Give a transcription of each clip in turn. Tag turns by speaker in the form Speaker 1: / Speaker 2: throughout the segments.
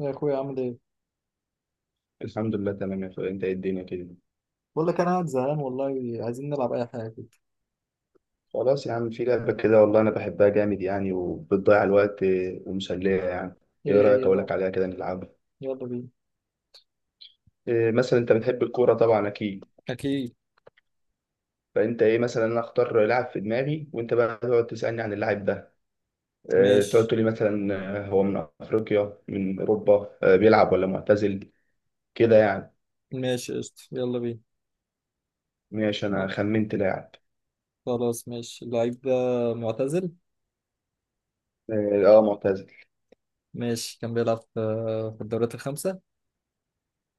Speaker 1: يا اخويا، عامل ايه؟
Speaker 2: الحمد لله، تمام يا اخويا. انت ايه، الدنيا كده؟
Speaker 1: بقول لك انا قاعد زهقان والله. عايزين نلعب اي حاجه كده.
Speaker 2: خلاص يا عم، في لعبة كده والله انا بحبها جامد يعني وبتضيع الوقت ومسلية يعني. ايه
Speaker 1: ايه
Speaker 2: رأيك
Speaker 1: هي
Speaker 2: اقول
Speaker 1: بقى؟
Speaker 2: لك عليها كده نلعبها؟
Speaker 1: يلا بينا.
Speaker 2: إيه مثلا، انت بتحب الكورة طبعا؟ اكيد.
Speaker 1: أكيد.
Speaker 2: فانت ايه مثلا، انا اختار لاعب في دماغي وانت بقى تقعد تسألني عن اللاعب ده. إيه، تقعد
Speaker 1: ماشي،
Speaker 2: تقول لي مثلا اه، هو من افريقيا من اوروبا، بيلعب ولا معتزل، كده يعني.
Speaker 1: ماشي، قشطة، يلا بينا.
Speaker 2: ماشي، انا
Speaker 1: أه،
Speaker 2: خمنت لاعب.
Speaker 1: خلاص، ماشي اللعيب ده معتزل.
Speaker 2: اه، اه، معتزل.
Speaker 1: ماشي، كان بيلعب في الدوريات الخمسة.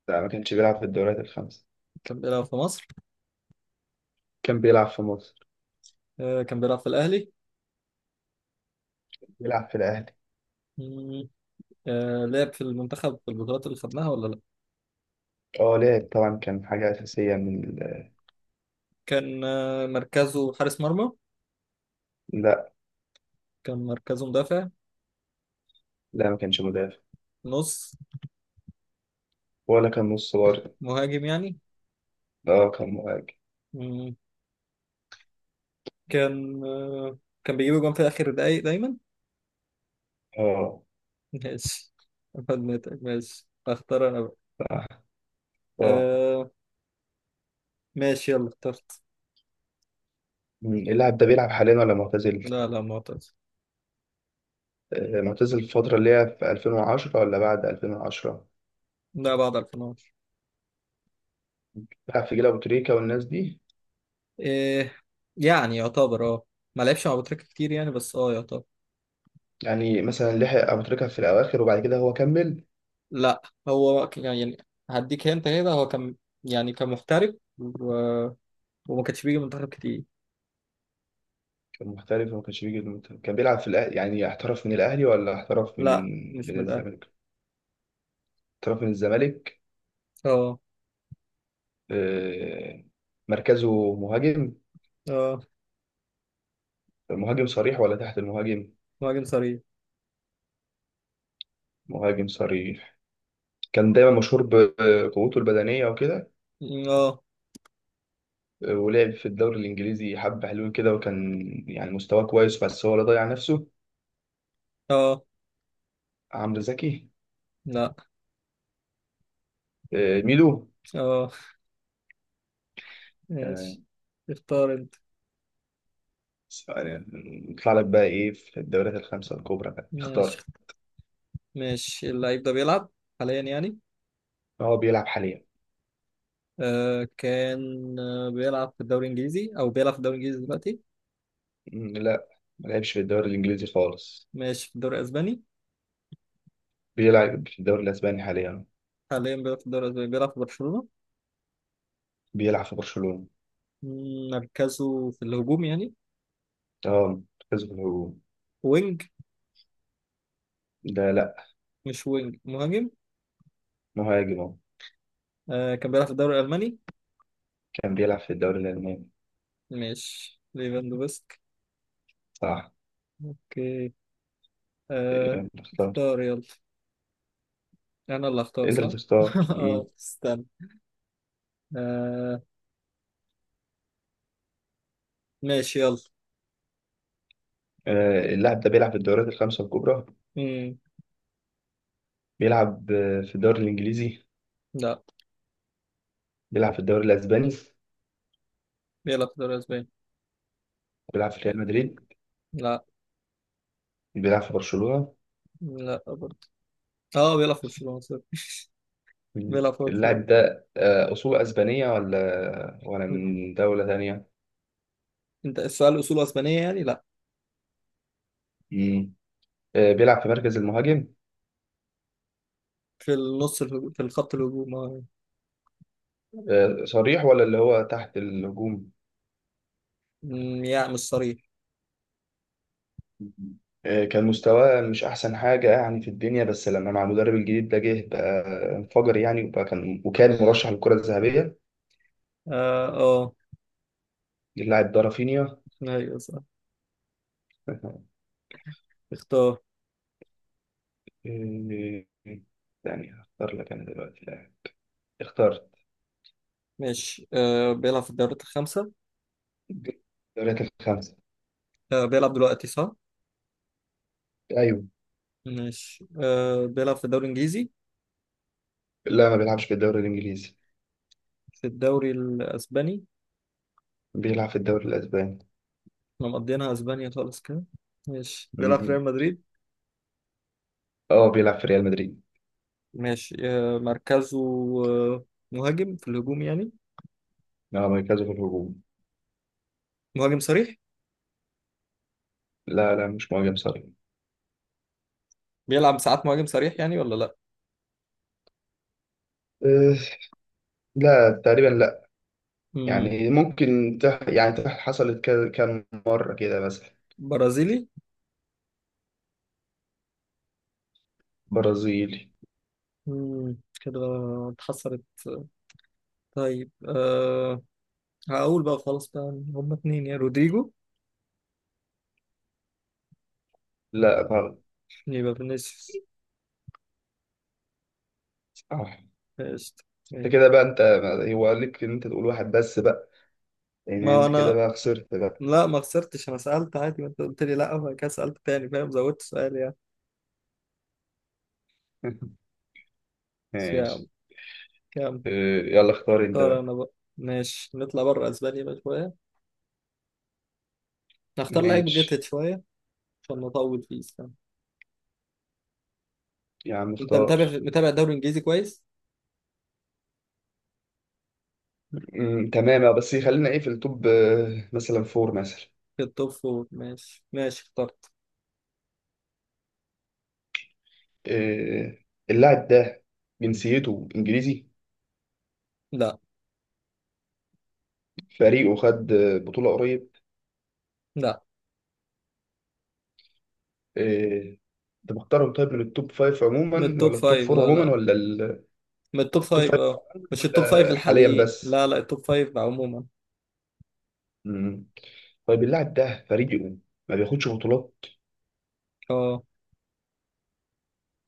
Speaker 2: لا، ما كانش بيلعب في الدوريات الخمسة.
Speaker 1: كان بيلعب في مصر.
Speaker 2: كان بيلعب في مصر.
Speaker 1: كان بيلعب في الأهلي.
Speaker 2: بيلعب في الاهلي.
Speaker 1: مم. لعب في المنتخب في البطولات اللي خدناها ولا لأ؟
Speaker 2: اه، لعب طبعا، كان حاجة أساسية من
Speaker 1: كان مركزه حارس مرمى.
Speaker 2: لا،
Speaker 1: كان مركزه مدافع.
Speaker 2: لا، ما كانش مدافع.
Speaker 1: نص.
Speaker 2: ولا كان نص برضه.
Speaker 1: مهاجم يعني.
Speaker 2: اه، كان مهاجم.
Speaker 1: مم. كان آه، كان بيجيب جون في آخر دقايق دايما.
Speaker 2: اه.
Speaker 1: ماشي، خدمتك، ماشي اختار انا بقى.
Speaker 2: صح. اه.
Speaker 1: آه ماشي، يلا اخترت.
Speaker 2: مم. اللاعب ده بيلعب حاليا ولا معتزل؟
Speaker 1: لا، لا، معتز.
Speaker 2: آه، معتزل. الفترة اللي هي في 2010 ولا بعد 2010؟
Speaker 1: لا، بعد 2011.
Speaker 2: بيلعب في جيل أبو تريكة والناس دي.
Speaker 1: إيه يعني، يعتبر ما لعبش مع بوتريكة كتير يعني، بس يعتبر.
Speaker 2: يعني مثلا لحق أبو تريكة في الأواخر وبعد كده هو كمل.
Speaker 1: لا، هو يعني هديك هنت كده، هو كان، يعني كان محترف وما كانش بيجي منتخب كتير.
Speaker 2: كان محترف وما كانش بيجي المنتخب. كان بيلعب في الأهلي يعني احترف من الأهلي ولا احترف من
Speaker 1: لا، مش
Speaker 2: من
Speaker 1: من الاهلي.
Speaker 2: الزمالك؟ احترف من الزمالك.
Speaker 1: اه،
Speaker 2: آه. مركزه مهاجم.
Speaker 1: اه.
Speaker 2: مهاجم صريح ولا تحت المهاجم؟
Speaker 1: مهاجم صريح.
Speaker 2: مهاجم صريح. كان دايما مشهور بقوته البدنية وكده.
Speaker 1: اه،
Speaker 2: ولعب في الدوري الإنجليزي حبة حلوين كده، وكان يعني مستواه كويس بس هو اللي ضيع نفسه.
Speaker 1: اه،
Speaker 2: عمرو زكي.
Speaker 1: لا،
Speaker 2: آه، ميدو.
Speaker 1: اه.
Speaker 2: آه.
Speaker 1: ماشي، اختار انت.
Speaker 2: يعني نطلع لك بقى إيه في الدوريات الخمسة الكبرى بقى،
Speaker 1: ماشي،
Speaker 2: اختار.
Speaker 1: ماشي، اللعيب ده بيلعب حاليا يعني.
Speaker 2: هو بيلعب حاليا.
Speaker 1: كان بيلعب في الدوري الانجليزي، او بيلعب في الدوري الانجليزي دلوقتي.
Speaker 2: مم، لا. ما لعبش في الدوري الإنجليزي خالص.
Speaker 1: ماشي، في الدوري الاسباني.
Speaker 2: بيلعب في الدوري الأسباني حاليا.
Speaker 1: حاليا بيلعب في الدوري الاسباني، بيلعب في برشلونة.
Speaker 2: بيلعب في برشلونة.
Speaker 1: مركزه في الهجوم يعني.
Speaker 2: اه، مركزه في الهجوم.
Speaker 1: وينج.
Speaker 2: ده لا.
Speaker 1: مش وينج، مهاجم.
Speaker 2: مهاجم اهو.
Speaker 1: كان بيلعب في الدوري الالماني.
Speaker 2: كان بيلعب في الدوري الألماني.
Speaker 1: ماشي، ليفاندوفسك.
Speaker 2: صح.
Speaker 1: اوكي. آه.
Speaker 2: يلا اختار.
Speaker 1: اختار، يلا. انا اللي اختار،
Speaker 2: انت اللي
Speaker 1: صح؟
Speaker 2: تختار.
Speaker 1: اه،
Speaker 2: مم.
Speaker 1: استنى. آه، ماشي يلا.
Speaker 2: آه، اللاعب ده بيلعب في الدوريات الخمسة الكبرى.
Speaker 1: مم.
Speaker 2: بيلعب في الدوري الإنجليزي.
Speaker 1: لا.
Speaker 2: بيلعب في الدوري الأسباني.
Speaker 1: بيلعب في الدوري الاسباني.
Speaker 2: بيلعب في ريال مدريد.
Speaker 1: لا،
Speaker 2: بيلعب في برشلونة.
Speaker 1: لا برضه. اه، بيلعب في برشلونة صح.
Speaker 2: مم.
Speaker 1: بيلعب في برشلونة.
Speaker 2: اللاعب ده أصول أسبانية ولا
Speaker 1: مم.
Speaker 2: من دولة تانية؟
Speaker 1: انت السؤال اصوله اسبانية يعني؟ لا.
Speaker 2: مم. آه، بيلعب في مركز المهاجم.
Speaker 1: في في الخط الهجوم، اه.
Speaker 2: آه، صريح ولا اللي هو تحت الهجوم؟
Speaker 1: يعني مش صريح.
Speaker 2: مم. آه، كان مستواه مش أحسن حاجة يعني في الدنيا، بس لما مع المدرب الجديد ده جه بقى انفجر يعني، وبقى كان مرشح للكرة الذهبية.
Speaker 1: اه، اه.
Speaker 2: اللاعب ده رافينيا.
Speaker 1: ايوه، صح. اختار.
Speaker 2: إيه، يعني هختار لك انا دلوقتي لاعب. اخترت.
Speaker 1: ماشي، بيلعب في الدوريات الخمسة.
Speaker 2: الدوريات الخمسة.
Speaker 1: بيلعب دلوقتي صح.
Speaker 2: ايوه.
Speaker 1: ماشي، بيلعب في الدوري الانجليزي.
Speaker 2: لا، ما بيلعبش في الدوري الانجليزي.
Speaker 1: في الدوري الاسباني.
Speaker 2: بيلعب في الدوري الاسباني.
Speaker 1: احنا مقضيينها اسبانيا خالص كده. ماشي، بيلعب في
Speaker 2: مم.
Speaker 1: ريال مدريد.
Speaker 2: اه، بيلعب في ريال مدريد.
Speaker 1: ماشي، مركزه آه مهاجم، في الهجوم يعني.
Speaker 2: اه، مركزه في الهجوم.
Speaker 1: مهاجم صريح.
Speaker 2: لا، لا، مش مهاجم صريح.
Speaker 1: بيلعب ساعات مهاجم صريح يعني ولا؟
Speaker 2: أه. لا، تقريبا لا.
Speaker 1: لا.
Speaker 2: يعني ممكن حصلت كام مرة كده مثلا.
Speaker 1: برازيلي.
Speaker 2: برازيلي.
Speaker 1: مم، كده. اتحسرت. طيب. هقول بقى خلاص بقى إن هما اتنين، يا رودريجو
Speaker 2: لا، غلط.
Speaker 1: يبقى فينيسيوس.
Speaker 2: صح.
Speaker 1: قشطة.
Speaker 2: انت
Speaker 1: أيوة.
Speaker 2: كده بقى انت. هو ليك ان انت تقول واحد بس بقى. لان
Speaker 1: ما
Speaker 2: انت كده
Speaker 1: أنا،
Speaker 2: بقى خسرت بقى.
Speaker 1: لا ما خسرتش أنا، سألت عادي. ما أنت قلت لي لا، وبعد كده سألت تاني، فاهم، زودت سؤال يعني. بس يا
Speaker 2: ماشي.
Speaker 1: عم، كام.
Speaker 2: آه. يلا اختار انت
Speaker 1: اختار
Speaker 2: بقى.
Speaker 1: أنا بقى. ماشي، نطلع بره أسبانيا بقى شوية، نختار لعيب غتت
Speaker 2: ماشي.
Speaker 1: شوية، عشان نطول فيه، استنى.
Speaker 2: يا عم
Speaker 1: أنت
Speaker 2: اختار.
Speaker 1: متابع متابع الدوري الإنجليزي كويس؟
Speaker 2: مم، تمام. بس خلينا ايه في التوب مثلا فور مثلا.
Speaker 1: في التوب فور، ماشي. ماشي اخترت.
Speaker 2: آه. اللاعب ده جنسيته انجليزي؟
Speaker 1: لا،
Speaker 2: فريقه خد بطولة قريب؟
Speaker 1: لا،
Speaker 2: آه. انت مختارهم طيب من التوب فايف
Speaker 1: من
Speaker 2: عموما
Speaker 1: التوب
Speaker 2: ولا التوب
Speaker 1: فايف.
Speaker 2: فور
Speaker 1: لا،
Speaker 2: عموما
Speaker 1: لا،
Speaker 2: ولا
Speaker 1: من التوب
Speaker 2: التوب
Speaker 1: فايف،
Speaker 2: فايف
Speaker 1: اه.
Speaker 2: عموما
Speaker 1: مش التوب فايف
Speaker 2: ولا حاليا
Speaker 1: الحاليين،
Speaker 2: بس؟
Speaker 1: لا، لا، التوب فايف عموما،
Speaker 2: مم. طيب اللاعب ده فريقه ما بياخدش بطولات.
Speaker 1: اه.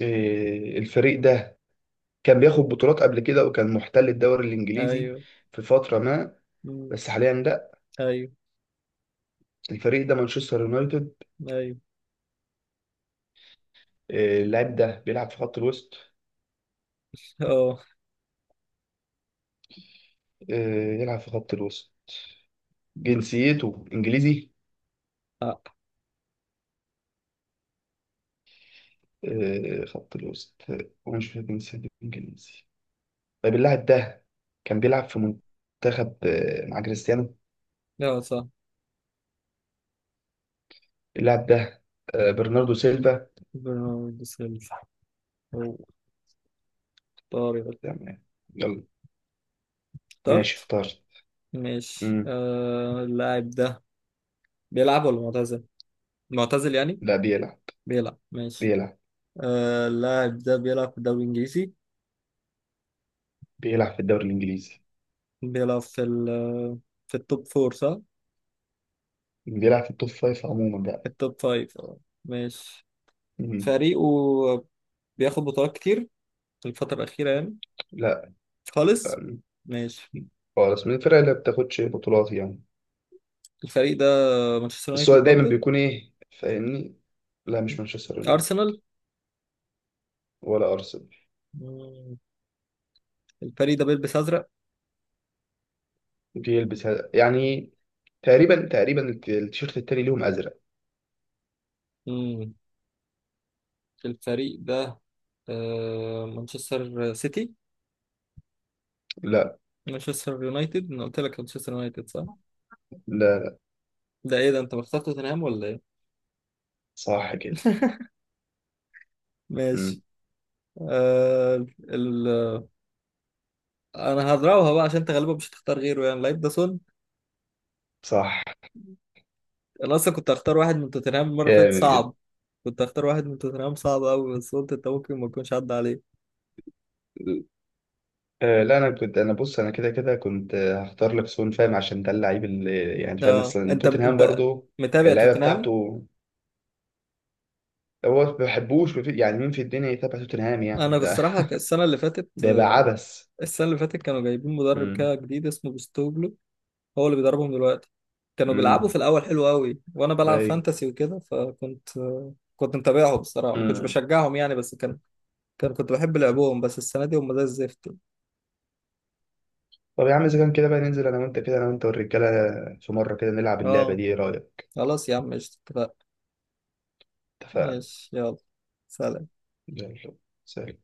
Speaker 2: آه، الفريق ده كان بياخد بطولات قبل كده وكان محتل الدوري الانجليزي
Speaker 1: ايوه.
Speaker 2: في فتره ما،
Speaker 1: مم.
Speaker 2: بس حاليا لا.
Speaker 1: ايوه.
Speaker 2: الفريق ده مانشستر يونايتد.
Speaker 1: ايوه،
Speaker 2: آه، اللاعب ده بيلعب في خط الوسط.
Speaker 1: اه.
Speaker 2: آه. يلعب في خط الوسط. جنسيته انجليزي.
Speaker 1: لا.
Speaker 2: آه، خط الوسط، آه. ومش في جنسيته انجليزي. طيب اللاعب ده كان بيلعب في منتخب مع كريستيانو.
Speaker 1: لا، صح.
Speaker 2: اللاعب ده برناردو سيلفا.
Speaker 1: برناردو سيلفا، هو. اختار.
Speaker 2: تمام. يلا. ماشي
Speaker 1: اخترت.
Speaker 2: اخترت.
Speaker 1: ماشي،
Speaker 2: مم.
Speaker 1: اللاعب ده بيلعب ولا معتزل؟ معتزل يعني؟
Speaker 2: لا، بيلعب.
Speaker 1: بيلعب، ماشي.
Speaker 2: بيلعب.
Speaker 1: اللاعب ده بيلعب في الدوري الانجليزي.
Speaker 2: بيلعب في الدوري الانجليزي.
Speaker 1: بيلعب في في التوب فور صح؟
Speaker 2: بيلعب في التوب فايف عموما.
Speaker 1: في التوب فايف، اه. ماشي،
Speaker 2: مم.
Speaker 1: فريقه بياخد بطولات كتير الفترة الأخيرة يعني.
Speaker 2: لا. لا.
Speaker 1: خالص. ماشي،
Speaker 2: خالص، من الفرق اللي ما بتاخدش بطولات يعني.
Speaker 1: الفريق ده مانشستر
Speaker 2: بس
Speaker 1: يونايتد
Speaker 2: هو دايما
Speaker 1: برضه؟
Speaker 2: بيكون ايه، فاهمني. لا، مش مانشستر يونايتد.
Speaker 1: أرسنال؟
Speaker 2: ولا ارسنال.
Speaker 1: مم. الفريق ده بيلبس أزرق.
Speaker 2: بيلبس هذا يعني، تقريبا، تقريبا التيشيرت التاني ليهم ازرق.
Speaker 1: مم. الفريق ده مانشستر سيتي.
Speaker 2: لا.
Speaker 1: مانشستر يونايتد، أنا قلت لك مانشستر يونايتد صح؟
Speaker 2: لا.
Speaker 1: ده إيه ده؟ أنت مختار توتنهام ولا إيه؟
Speaker 2: صح كده.
Speaker 1: ماشي.
Speaker 2: مم.
Speaker 1: آه ال... أنا هضربها بقى، عشان أنت غالبا مش هتختار غيره، يعني لعيب ده سون.
Speaker 2: صح.
Speaker 1: أنا أصلا كنت هختار واحد من توتنهام المرة اللي فاتت،
Speaker 2: جامد جدا.
Speaker 1: صعب. كنت هختار واحد من توتنهام صعب أوي، بس قلت أنت ممكن ما تكونش عدى عليك.
Speaker 2: آه، لا، انا كنت، انا بص، انا كده كده كنت هختار لك سون فاهم عشان ده اللعيب اللي يعني فاهم
Speaker 1: اه،
Speaker 2: مثلا
Speaker 1: انت
Speaker 2: توتنهام
Speaker 1: انت
Speaker 2: برضو.
Speaker 1: متابع
Speaker 2: اللعيبه
Speaker 1: توتنهام.
Speaker 2: بتاعته. هو ما بحبوش ما في- يعني مين في الدنيا يتابع توتنهام،
Speaker 1: انا
Speaker 2: يعني ده.
Speaker 1: بصراحه،
Speaker 2: ده يبقى عبث.
Speaker 1: السنه اللي فاتت كانوا جايبين مدرب
Speaker 2: امم.
Speaker 1: كده جديد اسمه بوستوجلو، هو اللي بيدربهم دلوقتي. كانوا
Speaker 2: امم.
Speaker 1: بيلعبوا في الاول حلو قوي، وانا بلعب
Speaker 2: ايوه.
Speaker 1: فانتسي وكده، كنت متابعهم بصراحه، ما كنتش
Speaker 2: امم.
Speaker 1: بشجعهم يعني، بس كان كان كنت بحب لعبهم، بس السنه دي هم زي الزفت.
Speaker 2: طب يا عم اذا كان كده بقى، ننزل انا وانت كده، انا وانت والرجاله، في مره كده نلعب اللعبه
Speaker 1: اه،
Speaker 2: دي، ايه رايك؟
Speaker 1: خلاص يا عم، قشطة، اتفقنا.
Speaker 2: اتفقنا.
Speaker 1: ماشي، يلا. سلام.
Speaker 2: يلا. سلام.